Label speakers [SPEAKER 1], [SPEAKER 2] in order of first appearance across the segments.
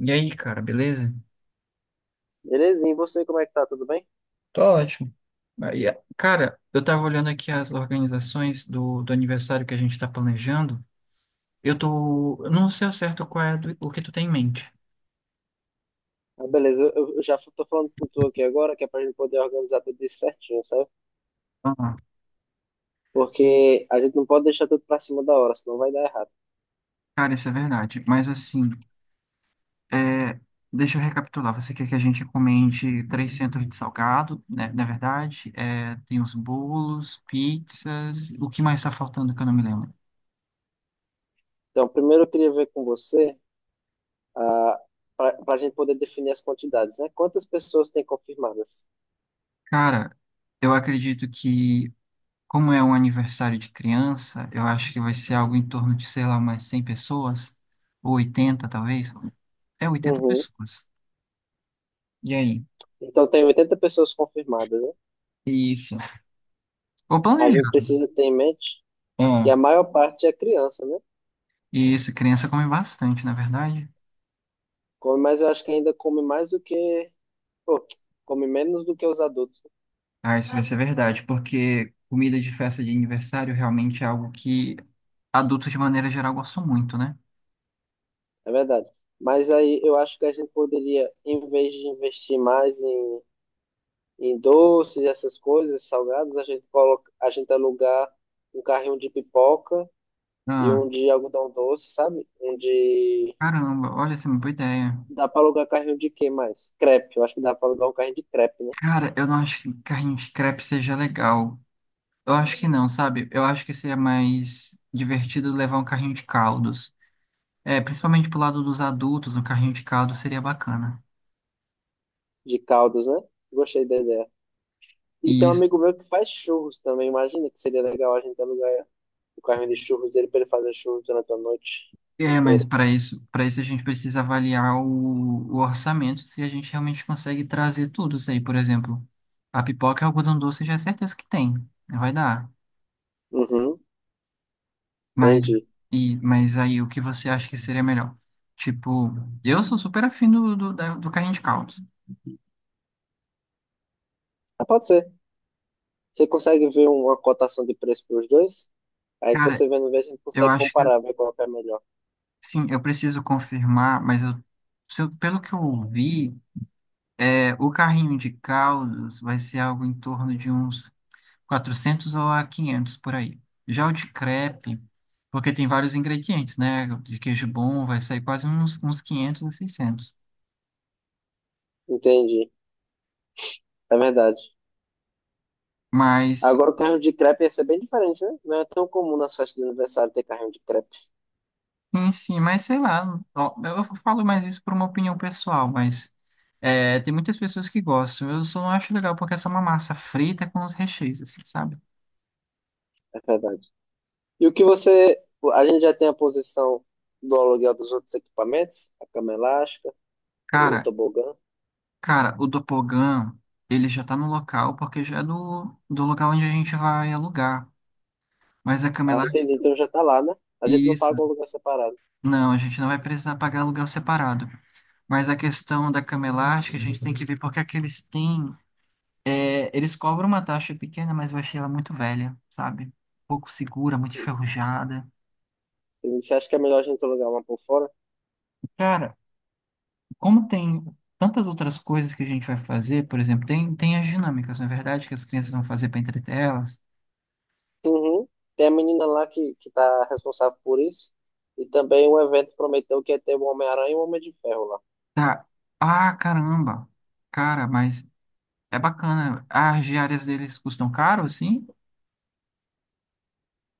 [SPEAKER 1] E aí, cara, beleza?
[SPEAKER 2] Belezinha, e você como é que tá? Tudo bem?
[SPEAKER 1] Tô ótimo. Aí, cara, eu tava olhando aqui as organizações do aniversário que a gente tá planejando. Eu tô. Eu Não sei ao certo o que tu tem em mente.
[SPEAKER 2] Ah, beleza, tô falando com tu aqui agora, que é pra gente poder organizar tudo isso certinho, sabe?
[SPEAKER 1] Ah,
[SPEAKER 2] Porque a gente não pode deixar tudo pra cima da hora, senão vai dar errado.
[SPEAKER 1] cara, isso é verdade. Mas assim, é, deixa eu recapitular. Você quer que a gente encomende 300 de salgado, né? Na verdade, tem os bolos, pizzas. O que mais tá faltando que eu não me lembro?
[SPEAKER 2] Então, primeiro eu queria ver com você, ah, pra gente poder definir as quantidades, né? Quantas pessoas tem confirmadas?
[SPEAKER 1] Cara, eu acredito que. Como é um aniversário de criança, eu acho que vai ser algo em torno de, sei lá, umas 100 pessoas, ou 80 talvez. É oitenta
[SPEAKER 2] Uhum.
[SPEAKER 1] pessoas. E aí?
[SPEAKER 2] Então, tem 80 pessoas confirmadas, né?
[SPEAKER 1] Isso. Vou
[SPEAKER 2] A gente
[SPEAKER 1] planejar.
[SPEAKER 2] precisa ter em mente que a
[SPEAKER 1] Ah,
[SPEAKER 2] maior parte é criança, né?
[SPEAKER 1] isso, criança come bastante, na verdade.
[SPEAKER 2] Come, mas eu acho que ainda come mais do que... Pô, come menos do que os adultos.
[SPEAKER 1] Ah, isso vai ser verdade, porque comida de festa de aniversário realmente é algo que adultos, de maneira geral, gostam muito, né?
[SPEAKER 2] É verdade. Mas aí eu acho que a gente poderia, em vez de investir mais em doces, e essas coisas, salgados, a gente coloca, a gente alugar um carrinho de pipoca e
[SPEAKER 1] Ah,
[SPEAKER 2] um de algodão doce, sabe? Um de.
[SPEAKER 1] caramba, olha, essa é uma boa ideia.
[SPEAKER 2] Dá para alugar carrinho de quê mais? Crepe. Eu acho que dá para alugar um carrinho de crepe, né?
[SPEAKER 1] Cara, eu não acho que carrinho de crepe seja legal. Eu acho que não, sabe? Eu acho que seria mais divertido levar um carrinho de caldos. É, principalmente pro lado dos adultos, um carrinho de caldos seria bacana.
[SPEAKER 2] De caldos, né? Gostei da ideia. E tem um
[SPEAKER 1] E
[SPEAKER 2] amigo meu que faz churros também. Imagina que seria legal a gente alugar o carrinho de churros dele para ele fazer churros durante a noite
[SPEAKER 1] mas
[SPEAKER 2] inteira.
[SPEAKER 1] para isso a gente precisa avaliar o orçamento, se a gente realmente consegue trazer tudo isso aí, por exemplo. A pipoca e o algodão doce já é certeza que tem, né? Vai dar.
[SPEAKER 2] Uhum,
[SPEAKER 1] Mas
[SPEAKER 2] entendi.
[SPEAKER 1] mas aí o que você acha que seria melhor? Tipo, eu sou super afim do carrinho de caldos.
[SPEAKER 2] Ah, pode ser. Você consegue ver uma cotação de preço para os dois? Aí que
[SPEAKER 1] Cara,
[SPEAKER 2] você vendo, vê, a gente
[SPEAKER 1] eu
[SPEAKER 2] consegue
[SPEAKER 1] acho que.
[SPEAKER 2] comparar, ver qual que é melhor.
[SPEAKER 1] Sim, eu preciso confirmar, mas eu, se eu- pelo que eu ouvi, o carrinho de caldos vai ser algo em torno de uns 400 ou a 500 por aí. Já o de crepe, porque tem vários ingredientes, né? De queijo bom vai sair quase uns 500 a seiscentos.
[SPEAKER 2] Entendi, é verdade.
[SPEAKER 1] Mas,
[SPEAKER 2] Agora o carrinho de crepe ia ser bem diferente, né? Não é tão comum nas festas de aniversário ter carrinho de crepe,
[SPEAKER 1] sim, sim, mas sei lá. Ó, eu falo mais isso por uma opinião pessoal, mas tem muitas pessoas que gostam. Eu só não acho legal porque essa é uma massa frita é com os recheios, assim, sabe?
[SPEAKER 2] é verdade. E o que você. A gente já tem a posição do aluguel dos outros equipamentos, a cama elástica, o
[SPEAKER 1] Cara,
[SPEAKER 2] tobogã.
[SPEAKER 1] Cara, o Doppelganger, ele já tá no local, porque já é do local onde a gente vai alugar. Mas a cama
[SPEAKER 2] Ah, entendi,
[SPEAKER 1] elástica,
[SPEAKER 2] então já tá lá, né? A gente não
[SPEAKER 1] isso.
[SPEAKER 2] paga um lugar separado.
[SPEAKER 1] Não, a gente não vai precisar pagar aluguel separado. Mas a questão da cama elástica, a gente tem que ver porque é que eles têm. É, eles cobram uma taxa pequena, mas eu achei ela muito velha, sabe? Pouco segura, muito enferrujada.
[SPEAKER 2] Entendi. Você acha que é melhor a gente alugar uma por fora?
[SPEAKER 1] Cara, como tem tantas outras coisas que a gente vai fazer, por exemplo, tem as dinâmicas, não é verdade, que as crianças vão fazer para entreter elas.
[SPEAKER 2] Uhum. Tem a menina lá que tá responsável por isso. E também o evento prometeu que ia ter o Homem-Aranha e o Homem de Ferro lá.
[SPEAKER 1] Tá. Ah, caramba. Cara, mas é bacana. As diárias deles custam caro, assim?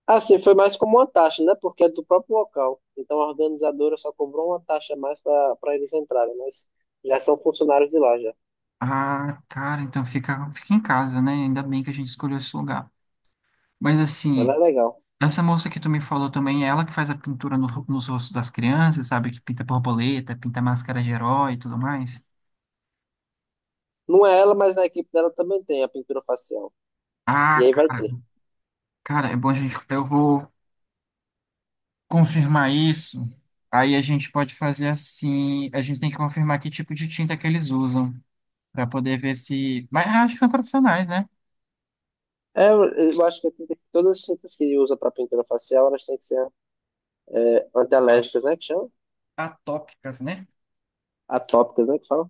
[SPEAKER 2] Assim, foi mais como uma taxa, né? Porque é do próprio local. Então a organizadora só cobrou uma taxa a mais para eles entrarem, mas já são funcionários de lá já.
[SPEAKER 1] Ah, cara, então fica em casa, né? Ainda bem que a gente escolheu esse lugar. Mas
[SPEAKER 2] Ela
[SPEAKER 1] assim,
[SPEAKER 2] é legal.
[SPEAKER 1] essa moça que tu me falou também, é ela que faz a pintura no, nos rostos das crianças, sabe? Que pinta borboleta, pinta máscara de herói e tudo mais.
[SPEAKER 2] Não é ela, mas na equipe dela também tem a pintura facial. E
[SPEAKER 1] Ah,
[SPEAKER 2] aí vai
[SPEAKER 1] ca-
[SPEAKER 2] ter.
[SPEAKER 1] cara, é bom a gente. Eu vou confirmar isso. Aí a gente pode fazer assim. A gente tem que confirmar que tipo de tinta que eles usam. Pra poder ver se. Mas acho que são profissionais, né?
[SPEAKER 2] É, eu eu acho que tem que- todas as tintas que usa para pintura facial, elas têm que ser antialérgicas, né? Que chama?
[SPEAKER 1] Atópicas, né?
[SPEAKER 2] Atópicas, né? Que fala?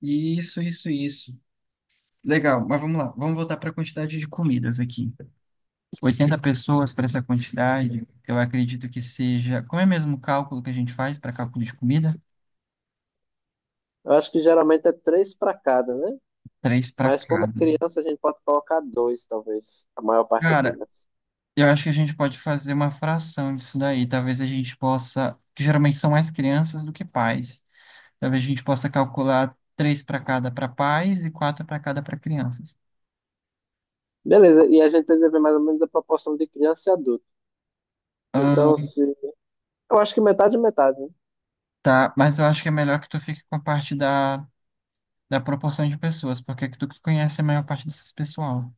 [SPEAKER 1] Isso, isso, isso. Legal, mas vamos lá. Vamos voltar para a quantidade de comidas aqui. Oitenta pessoas para essa quantidade, eu acredito que seja. Como é mesmo o cálculo que a gente faz para cálculo de comida?
[SPEAKER 2] Eu acho que geralmente é três para cada, né?
[SPEAKER 1] Três para
[SPEAKER 2] Mas como é
[SPEAKER 1] cada.
[SPEAKER 2] criança, a gente pode colocar dois, talvez. A maior parte é
[SPEAKER 1] Cara,
[SPEAKER 2] criança.
[SPEAKER 1] eu acho que a gente pode fazer uma fração disso daí. Talvez a gente possa. Que geralmente são mais crianças do que pais. Talvez a gente possa calcular três para cada para pais e quatro para cada para crianças.
[SPEAKER 2] Beleza, e a gente precisa ver mais ou menos a proporção de criança e adulto. Então, se. Eu acho que metade é metade, né?
[SPEAKER 1] Tá, mas eu acho que é melhor que tu fique com a parte da proporção de pessoas, porque é que tu que conhece a maior parte desses pessoal.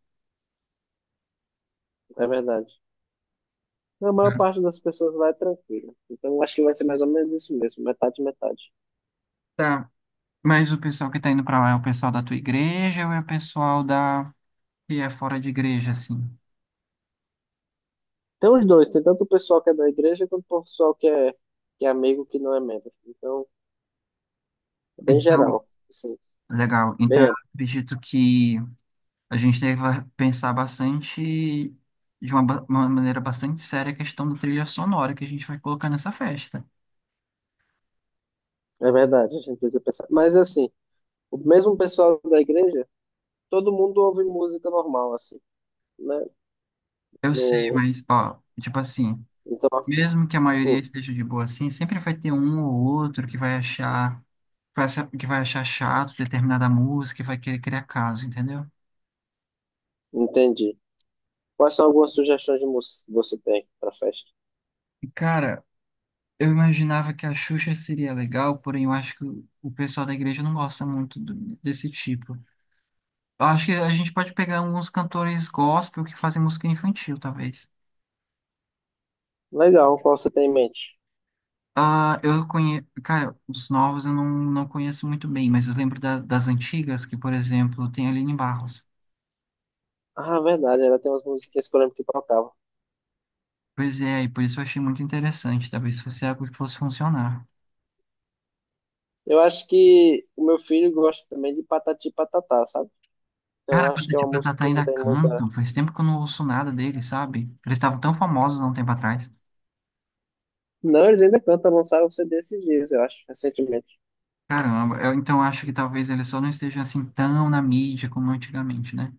[SPEAKER 2] É verdade. A maior
[SPEAKER 1] Tá,
[SPEAKER 2] parte das pessoas lá é tranquila. Então, eu acho que vai ser mais ou menos isso mesmo, metade, metade.
[SPEAKER 1] Tá, mas o pessoal que tá indo pra lá é o pessoal da tua igreja ou é o pessoal da que é fora de igreja, assim?
[SPEAKER 2] Tem os dois, tem tanto o pessoal que é da igreja quanto o pessoal que é amigo que não é membro. Então, é bem
[SPEAKER 1] Então,
[SPEAKER 2] geral, assim,
[SPEAKER 1] legal. Então,
[SPEAKER 2] bem
[SPEAKER 1] eu
[SPEAKER 2] amplo.
[SPEAKER 1] acredito que a gente deve pensar bastante, de uma maneira bastante séria, a questão da trilha sonora que a gente vai colocar nessa festa.
[SPEAKER 2] É verdade, a gente precisa pensar. Mas, assim, o mesmo pessoal da igreja, todo mundo ouve música normal, assim, né?
[SPEAKER 1] Eu sei,
[SPEAKER 2] No...
[SPEAKER 1] mas, ó, tipo assim.
[SPEAKER 2] Então,
[SPEAKER 1] Mesmo que a maioria
[SPEAKER 2] hum,
[SPEAKER 1] esteja de boa assim, sempre vai ter um ou outro que vai achar, que vai achar chato determinada música e vai querer criar caso, entendeu?
[SPEAKER 2] entendi. Quais são algumas sugestões de músicas que você tem para festa?
[SPEAKER 1] Cara, eu imaginava que a Xuxa seria legal, porém eu acho que o pessoal da igreja não gosta muito desse tipo. Eu acho que a gente pode pegar alguns cantores gospel que fazem música infantil, talvez.
[SPEAKER 2] Legal, qual você tem em mente?
[SPEAKER 1] Ah, eu conheço, cara, os novos eu não conheço muito bem, mas eu lembro das antigas, que, por exemplo, tem a Aline Barros.
[SPEAKER 2] Ah, verdade, ela tem umas musiquinhas que eu lembro que tocava.
[SPEAKER 1] Pois é, e por isso eu achei muito interessante. Talvez fosse algo que fosse funcionar.
[SPEAKER 2] Eu acho que o meu filho gosta também de Patati e Patatá, sabe? Então eu
[SPEAKER 1] Cara,
[SPEAKER 2] acho que é
[SPEAKER 1] Patati e
[SPEAKER 2] uma música
[SPEAKER 1] Patatá
[SPEAKER 2] que não
[SPEAKER 1] ainda
[SPEAKER 2] tem muita.
[SPEAKER 1] cantam. Faz tempo que eu não ouço nada deles, sabe? Eles estavam tão famosos há um tempo atrás.
[SPEAKER 2] Não, eles ainda cantam, lançaram o CD esses dias, eu acho, recentemente.
[SPEAKER 1] Caramba, eu então acho que talvez eles só não estejam assim tão na mídia como antigamente, né?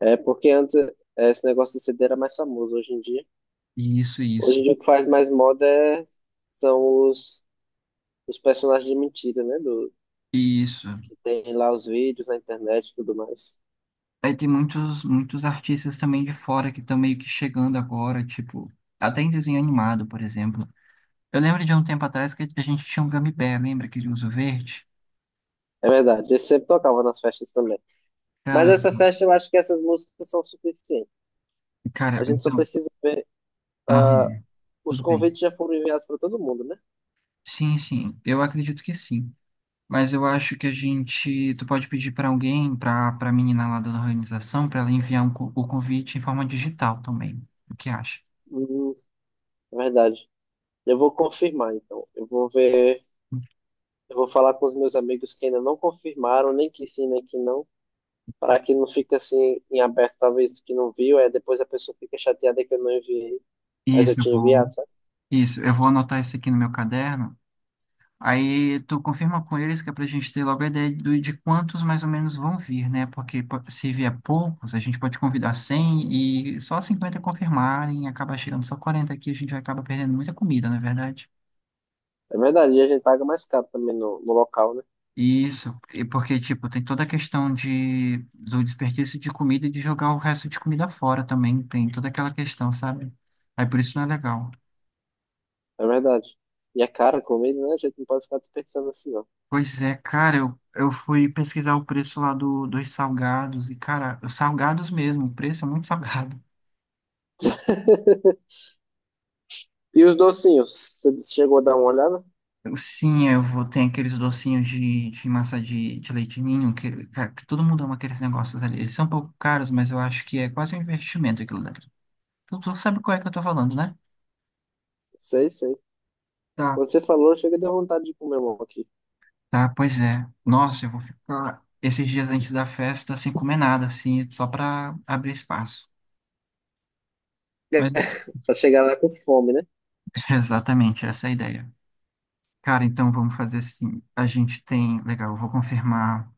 [SPEAKER 2] É, porque antes esse negócio de CD era mais famoso hoje em dia.
[SPEAKER 1] Isso,
[SPEAKER 2] Hoje em
[SPEAKER 1] isso,
[SPEAKER 2] dia o que faz mais moda é- são os personagens de mentira, né? Do,
[SPEAKER 1] isso.
[SPEAKER 2] que tem lá os vídeos na internet e tudo mais.
[SPEAKER 1] Aí tem muitos artistas também de fora que estão meio que chegando agora, tipo, até em desenho animado, por exemplo. Eu lembro de um tempo atrás que a gente tinha um Gummy Bear, lembra aquele urso verde?
[SPEAKER 2] É verdade, eu sempre tocava nas festas também. Mas
[SPEAKER 1] Cara,
[SPEAKER 2] essa festa eu acho que essas músicas são suficientes.
[SPEAKER 1] cara,
[SPEAKER 2] A gente só
[SPEAKER 1] então.
[SPEAKER 2] precisa ver. ah,
[SPEAKER 1] Aham.
[SPEAKER 2] os
[SPEAKER 1] Tudo bem.
[SPEAKER 2] convites já foram enviados para todo mundo, né?
[SPEAKER 1] Sim, sim, eu acredito que sim. Mas eu acho que a gente, tu pode pedir para alguém, para a menina lá da organização, para ela enviar o convite em forma digital também. O que acha?
[SPEAKER 2] Hum, É verdade. Eu vou confirmar, então. Eu vou ver. Eu vou falar com os meus amigos que ainda não confirmaram, nem que sim, nem que não, para que não fique assim em aberto, talvez que não viu, aí depois a pessoa fica chateada que eu não enviei, mas eu
[SPEAKER 1] Isso, eu
[SPEAKER 2] tinha enviado,
[SPEAKER 1] vou,
[SPEAKER 2] sabe?
[SPEAKER 1] isso, eu vou anotar isso aqui no meu caderno. Aí tu confirma com eles que é para a gente ter logo a ideia de quantos mais ou menos vão vir, né? Porque se vier poucos, a gente pode convidar 100 e só 50 confirmarem, acaba chegando só 40 aqui, a gente vai acabar perdendo muita comida, não é verdade?
[SPEAKER 2] É verdade, e a gente paga mais caro também no local, né?
[SPEAKER 1] Isso, e porque, tipo, tem toda a questão de, do desperdício de comida e de jogar o resto de comida fora também, tem toda aquela questão, sabe? Aí por isso não é legal.
[SPEAKER 2] É verdade. E é caro comida, né? A gente não pode ficar desperdiçando assim, não.
[SPEAKER 1] Pois é, cara, eu fui pesquisar o preço lá dos salgados e, cara, os salgados mesmo, o preço é muito salgado.
[SPEAKER 2] E os docinhos? Você chegou a dar uma olhada?
[SPEAKER 1] Sim, eu vou ter aqueles docinhos de massa de leite ninho, que, cara, que todo mundo ama aqueles negócios ali. Eles são um pouco caros, mas eu acho que é quase um investimento aquilo dali. Tu sabe qual é que eu tô falando, né?
[SPEAKER 2] Sei, sei.
[SPEAKER 1] tá
[SPEAKER 2] Quando você falou, chega deu vontade de comer um aqui.
[SPEAKER 1] Tá, pois é. Nossa, eu vou ficar esses dias antes da festa sem comer nada, assim, só para abrir espaço. Mas
[SPEAKER 2] Pra chegar lá com fome, né?
[SPEAKER 1] exatamente essa é a ideia. Cara, então vamos fazer assim. A gente tem, legal, eu vou confirmar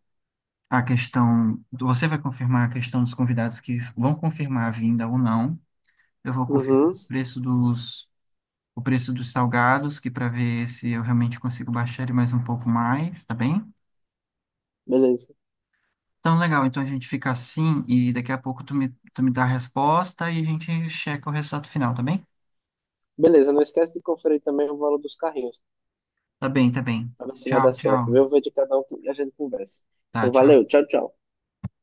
[SPEAKER 1] a questão, você vai confirmar a questão dos convidados que vão confirmar a vinda ou não. Eu vou confirmar
[SPEAKER 2] Uhum.
[SPEAKER 1] o preço dos salgados, que para ver se eu realmente consigo baixar ele mais um pouco mais, tá bem?
[SPEAKER 2] Beleza.
[SPEAKER 1] Então, legal. Então a gente fica assim e daqui a pouco tu me dá a resposta e a gente checa o resultado final, tá bem?
[SPEAKER 2] Beleza, não esquece de conferir também o valor dos carrinhos.
[SPEAKER 1] Tá bem, tá bem.
[SPEAKER 2] Pra ver se vai
[SPEAKER 1] Tchau,
[SPEAKER 2] dar certo. Vê
[SPEAKER 1] tchau.
[SPEAKER 2] o vídeo de cada um que a gente conversa.
[SPEAKER 1] Tá,
[SPEAKER 2] Então,
[SPEAKER 1] tchau.
[SPEAKER 2] valeu. Tchau, tchau.